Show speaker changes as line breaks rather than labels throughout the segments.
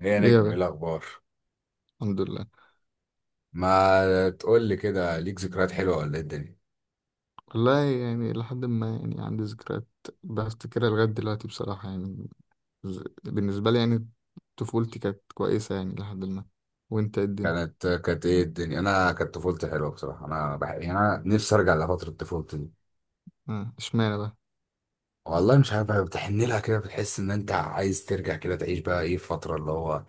ايه يا
ايه يا
نجم، ايه
باشا.
الاخبار؟
الحمد لله.
ما تقول لي كده، ليك ذكريات حلوه ولا ايه الدنيا؟
والله يعني لحد ما يعني عندي ذكريات بفتكرها لغاية دلوقتي بصراحة يعني. بالنسبة لي يعني، طفولتي كانت كويسة يعني لحد ما. وانت إيه الدنيا؟
كانت ايه الدنيا؟ انا كانت طفولتي حلوه بصراحه. انا يعني انا نفسي ارجع لفتره طفولتي دي.
آه، اشمعنى بقى؟
والله مش عارف، بتحن لها كده، بتحس ان انت عايز ترجع كده تعيش بقى ايه فتره اللي هو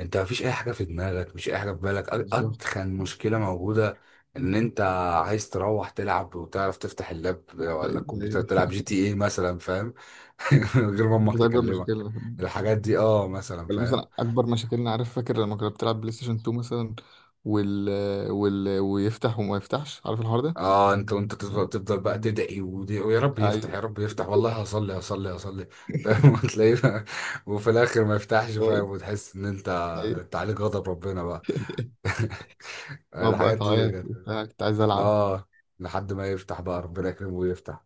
انت مفيش اي حاجه في دماغك، مفيش اي حاجه في بالك،
بالظبط.
اتخن مشكله موجوده ان انت عايز تروح تلعب وتعرف تفتح اللاب ولا
أيوة،
الكمبيوتر،
أيوة.
تلعب جي تي ايه مثلا، فاهم؟ من غير ما امك
دي أكبر
تكلمك
مشكلة.
الحاجات دي، اه مثلا،
ولا
فاهم؟
مثلا أكبر مشاكلنا، عارف، فاكر لما كنا بتلعب بلاي ستيشن 2 مثلا؟ وال... وال... ويفتح وما يفتحش، عارف الحوار ده؟
اه، انت وانت
يعني،
تفضل بقى تدعي، ويا رب يفتح،
أيوة.
يا رب يفتح، والله هصلي هصلي هصلي. فاهم؟ وتلاقيه. وفي الاخر ما يفتحش، فاهم؟ وتحس ان انت
أيوة.
انت عليك غضب ربنا بقى.
طب بقى
الحاجات دي
تعيط
كانت-
وبتاع، كنت عايز ألعب.
اه، لحد ما يفتح بقى ربنا يكرمه ويفتح.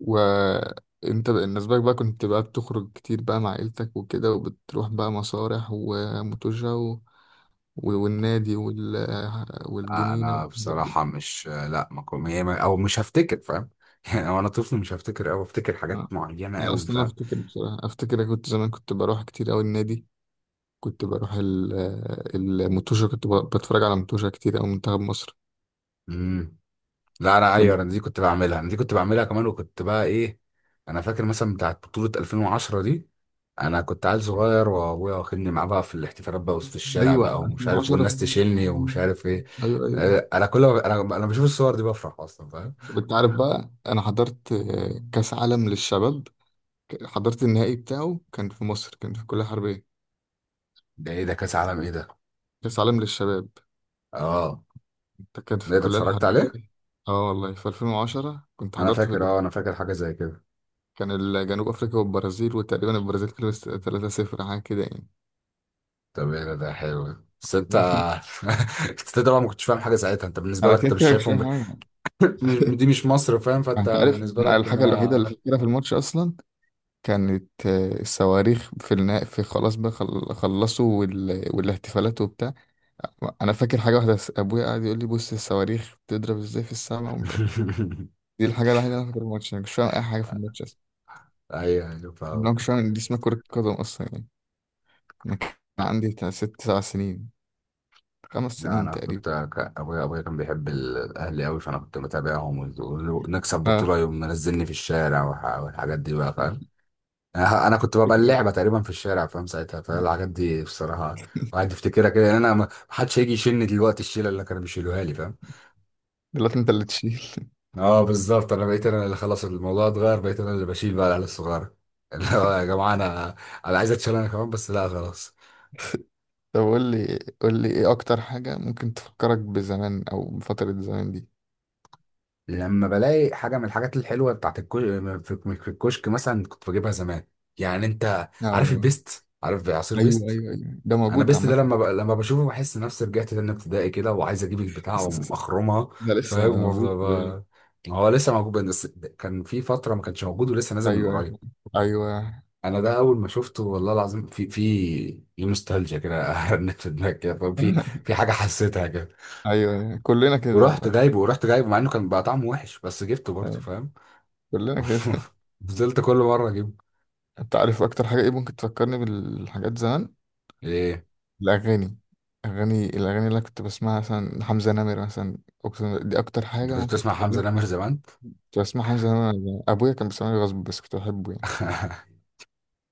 وانت بالنسبة لك بقى كنت بقى بتخرج كتير بقى مع عيلتك وكده، وبتروح بقى مسارح وموتوجة و... والنادي وال... والجنينة
انا
والحاجات دي.
بصراحة مش، لا ما كو- هي ما- او مش هفتكر، فاهم؟ يعني وانا طفل مش هفتكر او افتكر حاجات
آه.
معينة
لا
قوي،
أصلا أنا
فاهم؟
أفتكر، بصراحة أفتكر أنا كنت زمان كنت بروح كتير أوي النادي. كنت بروح ال... الموتوجة كنت ب... بتفرج على موتوجة كتير أوي، منتخب مصر.
امم، لا انا، ايوه،
طب-
انا دي كنت بعملها، انا دي كنت بعملها كمان، وكنت بقى ايه. انا فاكر مثلا بتاعت بطولة 2010 دي، انا كنت عيل صغير وابويا واخدني معاه بقى في الاحتفالات بقى وسط الشارع
أيوة
بقى ومش عارف، والناس
2010،
تشيلني ومش عارف ايه.
أيوة أيوة.
انا كل ما انا بشوف الصور دي بفرح اصلا، فاهم؟
أنت عارف بقى، أنا حضرت كأس عالم للشباب. حضرت النهائي بتاعه، كان في مصر، كان في الكلية الحربية.
ده ايه ده، كاس عالم ايه ده؟
كأس عالم للشباب.
اه،
ده كان في
ده انت
الكلية
اتفرجت
الحربية.
عليه؟
اه، والله في 2010 كنت
انا
حضرت في
فاكر،
ال...
اه، انا فاكر حاجة زي كده.
جنوب أفريقيا والبرازيل، وتقريبا البرازيل كسبت 3-0 حاجة كده يعني.
طب ايه ده حلو. بس انت انت طبعا ما كنتش فاهم حاجة ساعتها، انت بالنسبة
أنا
لك
كده
انت مش
كده مش
شايفهم
فاهم حاجة.
دي مش مصر، فاهم؟ فانت
أنت عارف،
بالنسبة
أنا
لك ان
الحاجة الوحيدة
هي
اللي فاكرها في الماتش أصلا كانت الصواريخ، في النهائي، في خلاص بقى خلصوا وال... والاحتفالات وبتاع. أنا فاكر حاجة واحدة، أبويا قاعد يقول لي بص الصواريخ بتضرب إزاي في السماء ومش عارف. دي الحاجة الوحيدة اللي أنا فاكر الماتش، أنا مش فاهم أي حاجة في الماتش أصلا.
ايوه ايوه،
يعني
فاهم.
أنا مش فاهم إن دي اسمها كرة قدم أصلا يعني. أنا كان عندي بتاع ست سبع سنين، خمس
لا
سنين
انا
تقريبا.
كنت، ابويا كان بيحب الاهلي قوي، فانا كنت متابعهم، ونكسب
آه.
بطوله يوم منزلني في الشارع، والحاجات دي بقى، فاهم؟ انا كنت ببقى اللعبه تقريبا في الشارع، فاهم ساعتها، فالحاجات دي بصراحه الواحد يفتكرها كده. يعني انا ما حدش هيجي يشيلني دلوقتي الشيله اللي كانوا بيشيلوها لي، فاهم؟
دلوقتي أنت اللي تشيل.
اه، بالظبط، انا بقيت انا اللي، خلاص الموضوع اتغير، بقيت انا اللي بشيل بقى العيال الصغيره. اللي هو يا جماعه، انا، عايز اتشال انا كمان، بس لا خلاص.
طب قول لي قول لي إيه أكتر حاجة ممكن تفكرك بزمان أو بفترة زمان دي؟
لما بلاقي حاجه من الحاجات الحلوه بتاعت في في الكشك مثلا كنت بجيبها زمان، يعني انت عارف
آه.
البيست؟ عارف عصير
أيوه
بيست؟
أيوه أيوه، ده
انا
موجود
بيست ده
عامة.
لما، لما بشوفه بحس نفسي رجعت تاني ابتدائي كده، وعايز اجيب البتاعه واخرمها،
ده لسه
فاهم؟ وافضل
موجود، خلي بالك.
بقى- ما هو لسه موجود بس، كان في فتره ما كانش موجود، ولسه نازل من
أيوه أيوه
قريب.
أيوه.
انا ده اول ما شفته، والله العظيم، في نوستالجيا كده رنت في دماغي كده، فاهم؟ في حاجه حسيتها كده.
أيوه. كلنا كده
ورحت
والله.
جايبه ورحت جايبه مع انه كان بقى طعمه وحش، بس جبته برضه،
أيوه.
فاهم؟
كلنا كده.
فضلت كل مره اجيب
انت عارف اكتر حاجه ايه ممكن تفكرني بالحاجات زمان؟
ايه.
الاغاني. اغاني، الاغاني اللي أنا كنت بسمعها مثلا، حمزه نمر مثلا. أقسم بالله دي اكتر
انت
حاجه
كنت
ممكن
بتسمع حمزه
تكلمني.
نمر زمان؟
كنت بسمع حمزه نمر وأنا زمان. ابويا كان بيسمعني غصب بس كنت بحبه يعني.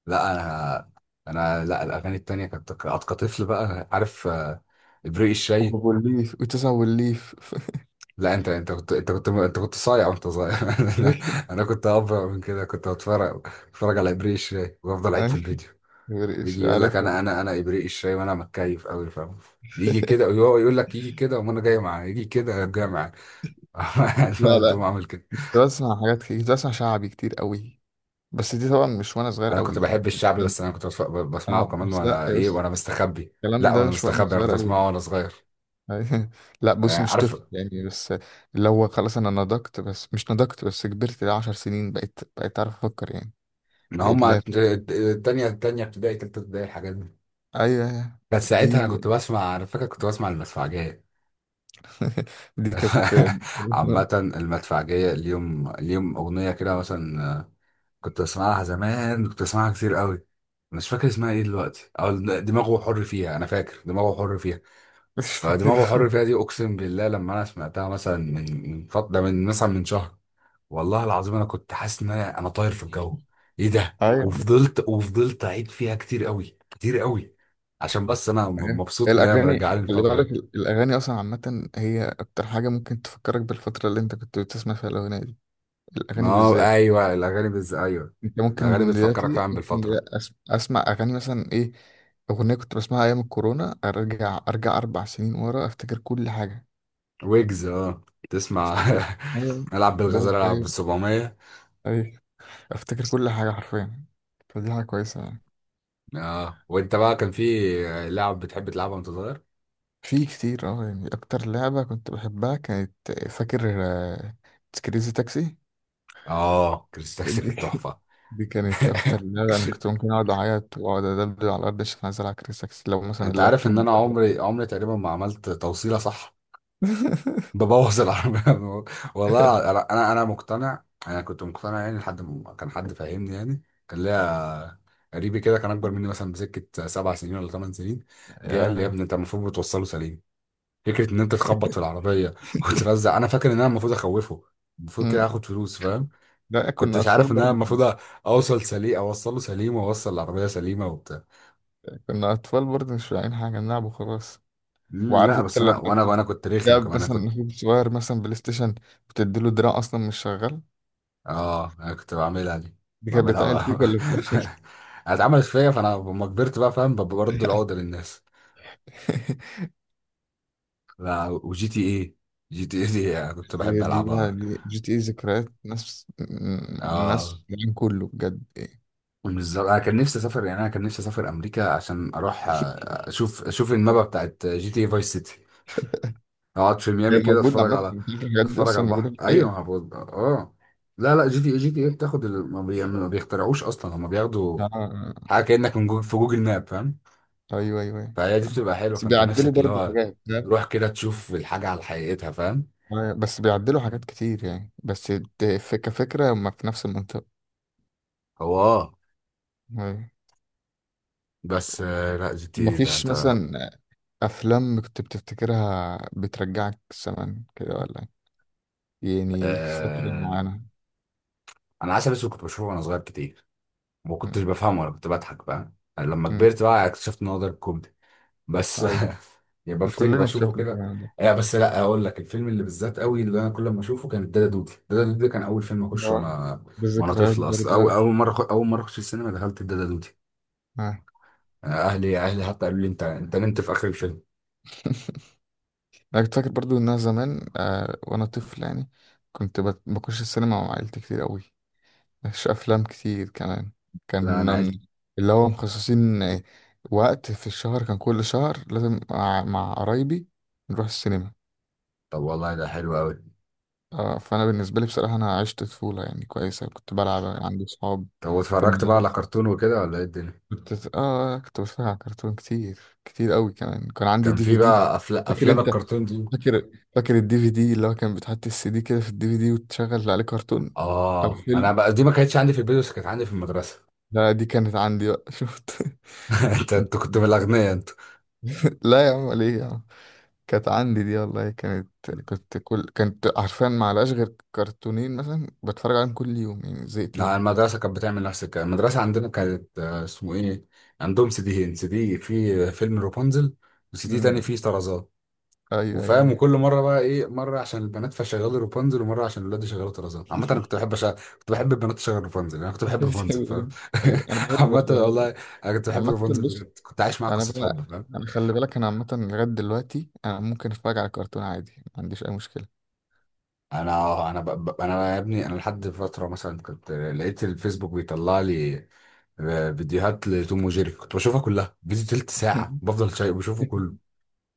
لا انا، انا لا الاغاني التانية كنت كطفل بقى عارف، ابريق الشاي.
وابو الليف وتسع والليف.
لا انت كنت صايع وانت صغير. انا
أي.
انا كنت ابرع من كده، كنت بتفرج على ابريق الشاي وافضل اعيد في
أي.
الفيديو.
مش
يجي يقول لك،
عارف.
انا انا انا ابريق الشاي وانا متكيف قوي، فاهم؟ يجي كده ويقعد يقول لك يجي كده وانا جاي معاه، يجي كده جاي معاه.
لا،
نقعد ده،
لا،
اعمل كده.
كنت بسمع حاجات كتير، كنت بسمع شعبي كتير قوي. بس دي طبعا مش وانا صغير
انا
قوي
كنت بحب
يعني.
الشعبي، بس انا كنت بسمعه
اه
كمان
بس، لا
وانا
يا
ايه،
بس،
وانا مستخبي،
الكلام
لا
ده
وانا
مش وانا
مستخبي، انا
صغير
كنت
قوي.
بسمعه وانا صغير.
لا بص،
آه،
مش
عارف.
طفل يعني بس اللي هو، خلاص انا نضجت، بس مش نضجت بس كبرت، ده عشر سنين، بقيت اعرف افكر يعني،
ان
اللي
هما
هي بتبقى-.
تانية ابتدائي، تالتة ابتدائي، الحاجات دي.
ايوه أيوه.
بس
دي.
ساعتها انا كنت بسمع، انا فاكر كنت بسمع المدفعجية.
دي كانت.
عامة، المدفعجية، اليوم اليوم، اغنية كده مثلا، كنت بسمعها زمان، كنت بسمعها كتير قوي. مش فاكر اسمها ايه دلوقتي، او دماغه حر فيها، انا فاكر دماغه حر فيها.
مش
دماغه
فاكرها.
حر فيها دي، اقسم بالله لما انا سمعتها مثلا من فتره، من مثلا من شهر، والله العظيم انا كنت حاسس ان انا طاير في الجو، ايه ده.
ايوه.
وفضلت اعيد فيها كتير قوي كتير قوي، عشان بس انا
أيوة.
مبسوط ان هي مرجعاني
الاغاني، خلي
الفتره
بالك
دي.
الاغاني اصلا عامه هي اكتر حاجه ممكن تفكرك بالفتره اللي انت كنت بتسمع فيها الاغنيه دي. الاغاني
اه
بالذات.
ايوه، الاغاني ايوه،
انت
الاغاني
ممكن
بتفكرك
دلوقتي،
فعلا
ممكن
بالفتره.
دلوقتي اسمع اغاني مثلا ايه؟ اغنيه كنت بسمعها ايام الكورونا، ارجع ارجع اربع سنين ورا، افتكر كل حاجه.
ويجز، اه، تسمع.
افتكر. أيوة،
العب
دورك
بالغزاله، العب بال
الجاي.
700.
اي. افتكر كل حاجه حرفيا. فدي حاجه كويسه يعني.
اه، وانت بقى كان في لعب بتحب تلعبها وانت صغير؟
في كتير اه يعني، اكتر لعبه كنت بحبها كانت، فاكر كريزي تاكسي.
اه، كريستاكسي
دي
كانت تحفه.
دي كانت اكتر لعبه، انا كنت ممكن اقعد اعيط واقعد ادبدب على الارض عشان عايز العب كريزي تاكسي لو مثلا
انت عارف ان
اللابتوب.
انا عمري تقريبا ما عملت توصيله صح؟ ببوظ العربية. والله انا، انا مقتنع، انا كنت مقتنع يعني، لحد ما كان حد فاهمني يعني. كان ليا قريبي كده كان اكبر مني مثلا بسكة 7 سنين ولا 8 سنين، جه قال لي يا
يا.
ابني انت المفروض بتوصله سليم. فكرة ان انت تخبط في العربية وترزع، انا فاكر ان انا المفروض اخوفه، المفروض كده
مم.
اخد فلوس، فاهم؟
لا كنا
كنتش
أطفال
عارف ان انا
برضه.
المفروض اوصل سليم، اوصله سليم، واوصل العربية سليمة وبتاع.
كنا أطفال برضه مش فاهمين حاجة، نلعب وخلاص.
مم،
وعارف
لا
أنت
بس
لما
انا، وانا كنت رخم
تلعب
كمان، انا
مثلا
كنت.
أخوك صغير مثلا بلاي ستيشن وتديله دراع أصلا مش شغال،
اه، انا كنت بعملها دي.
دي كانت بتعمل
بعملها
فيك ولا بتعمل؟
اتعملت فيا، فانا لما كبرت بقى، فاهم، ببقى برد العقدة للناس. لا، وجي تي ايه، جي تي ايه دي أنا كنت بحب
دي بقى،
العبها.
دي جي تي إيه ذكريات ناس، ناس
اه،
في العالم كله بجد.
بالظبط، انا كان نفسي اسافر يعني، انا كان نفسي اسافر امريكا، عشان اروح، اشوف المابا بتاعت جي تي اي فايس سيتي، اقعد في
هي
ميامي كده
موجودة
اتفرج
عامة،
على،
الحاجات دي
اتفرج على
أصلا موجودة
البحر،
في
ايوه،
الحقيقة.
ما هو- اه لا لا، جي تي اي بتاخد ما بيخترعوش اصلا، هم بياخدوا
آه.
حاجه كانك من جوجل، في جوجل ماب، فاهم؟
أيوه أيوه أيوه،
فهي دي
فاهم.
بتبقى حلوه،
بس
فانت
بيعدلوا
نفسك اللي
برضه
هو
حاجات، فاهم؟
تروح كده تشوف الحاجه على حقيقتها، فاهم؟
آه، بس بيعدلوا حاجات كتير يعني، بس كفكرة هما في نفس المنطقة.
هو اه،
أيوه.
بس، لا جي تي ايه ده
مفيش
انت.
مثلا افلام كنت بتفتكرها بترجعك زمان كده، ولا إيه؟ يعني فترة
آه
معينة.
انا عسل اسود كنت بشوفه وانا صغير كتير، ما
مم.
كنتش بفهمه ولا كنت بضحك، فاهم؟ لما
مم.
كبرت بقى اكتشفت ان هو ده الكوميدي، بس.
ايوه،
يعني بفتكر
كلنا
بشوفه
شفنا
كده.
الكلام ده.
بس لا، اقول لك الفيلم اللي بالذات قوي، اللي انا كل ما اشوفه، كان دادا دودي، دادا دودي ده كان اول فيلم اخشه
اه.
وانا، وانا
بالذكريات
طفل اصلا،
برضه
او اول
أوي.
مره، اخش السينما دخلت دادا دودي.
آه.
اهلي حتى قالوا لي انت نمت في اخر الفيلم.
انا كنت فاكر برضو ان انا زمان وانا طفل يعني، كنت بخش السينما مع عيلتي كتير قوي. مش افلام كتير كمان. كان
لا انا عايز.
من- اللي هو مخصصين وقت في الشهر، كان كل شهر لازم مع قرايبي نروح السينما.
طب والله ده حلو قوي.
آه، فانا بالنسبه لي بصراحه انا عشت طفوله يعني كويسه، كنت بلعب، عندي صحاب
طب
في
واتفرجت بقى على
المدرسه.
كرتون وكده ولا ايه الدنيا؟
كنت بتفرج على كرتون كتير، كتير قوي كمان، كان عندي
كان
دي
في
في دي.
بقى
فاكر
افلام
انت؟
الكرتون دي.
فاكر فاكر الدي في دي اللي هو كان بتحط السي دي كده في الدي في دي وتشغل عليه كرتون او
اه، انا
فيلم.
بقى دي ما كانتش عندي في البيت، بس كانت عندي في المدرسه.
لا دي كانت عندي بقى. شفت.
انت كنت من الاغنياء انت.
لا يا عم، ليه يا عم، كانت عندي دي والله، كانت كنت كل كانت عارفين، ما غير كرتونين مثلا بتفرج عليهم كل يوم، يعني زهقت
لا،
منهم.
المدرسه كانت بتعمل نفس الكلام، المدرسه عندنا كانت، اسمه ايه، عندهم سي ديين، سي دي في فيلم رابونزل، وسي دي تاني فيه
امم.
طرازات،
ايوه ايوه
وفاهم،
أيوه.
وكل مره بقى ايه، مره عشان البنات فشغال رابنزل، ومره عشان الولاد يشغلوا طرزان. عامه انا كنت بحب كنت بحب البنات تشغل رابنزل، انا كنت بحب رابنزل، فاهم؟
بتقول، طيب انا بحب
عامه
برضه والله.
والله، انا كنت بحب
عامة
رابنزل
بص،
بجد، كنت عايش معاها
انا
قصه حب،
بقى،
فاهم؟
انا خلي بالك انا عامة لغاية دلوقتي انا ممكن اتفرج على كرتون عادي، ما عنديش اي مشكلة.
انا انا يا ابني، انا لحد فتره مثلا كنت لقيت الفيسبوك بيطلع لي، فيديوهات لتوم وجيري، كنت بشوفها كلها، فيديو تلت ساعه بفضل شايف بشوفه كله،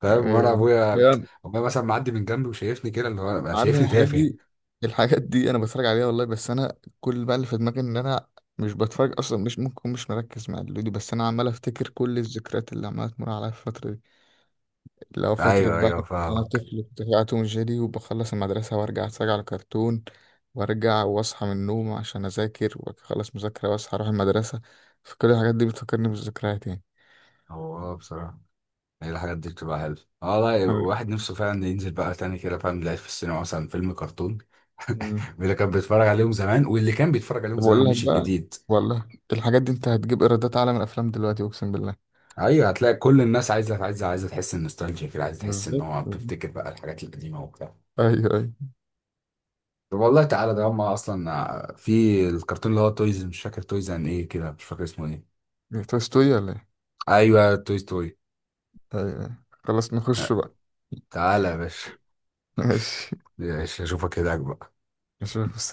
فاهم؟ وانا
إيه،
ابويا،
يعني
مثلا معدي من جنبي وشايفني كده اللي هو،
عارف إن
شايفني
الحاجات
تافه.
دي الحاجات دي انا بتفرج عليها والله، بس انا كل بقى اللي في دماغي ان انا مش بتفرج اصلا، مش ممكن، مش مركز مع الفيديو، بس انا عمال افتكر كل الذكريات اللي عماله تمر عليا في الفترة دي، لو فترة
ايوه
بقى.
ايوه،
أنا
فاهم.
طفل كنت بقى توم جيري، وبخلص المدرسة وأرجع أتفرج على كرتون، وأرجع وأصحى من النوم عشان أذاكر وأخلص مذاكرة وأصحى أروح المدرسة. فكل الحاجات دي بتفكرني بالذكريات يعني.
هو اه، بصراحه هي الحاجات دي بتبقى حلوة. اه لا، واحد نفسه فعلا ينزل بقى تاني كده، فاهم، يلاقي في السينما مثلا فيلم كرتون
أمم.
من اللي كان بيتفرج عليهم زمان، واللي كان بيتفرج عليهم
طب
زمان
أقول لك
مش
بقى،
الجديد.
والله الحاجات دي أنت هتجيب إيرادات أعلى من الأفلام دلوقتي أقسم بالله.
ايوه، هتلاقي كل الناس عايزه، عايزه تحس النوستالجيا كده، عايزه تحس ان
بالظبط
هو
بالظبط.
بتفتكر بقى الحاجات القديمه وبتاع.
أيوه أيوه.
طب والله تعالى ده هم اصلا في الكرتون اللي هو تويز، مش فاكر تويز عن ايه كده، مش فاكر اسمه ايه.
توي ستوري ولا إيه؟
ايوه تويز،
أيوه أيوه. خلاص نخش بقى.
تعالى يا باشا،
ماشي.
يا باشا اشوفك هناك بقى.
أشوفك.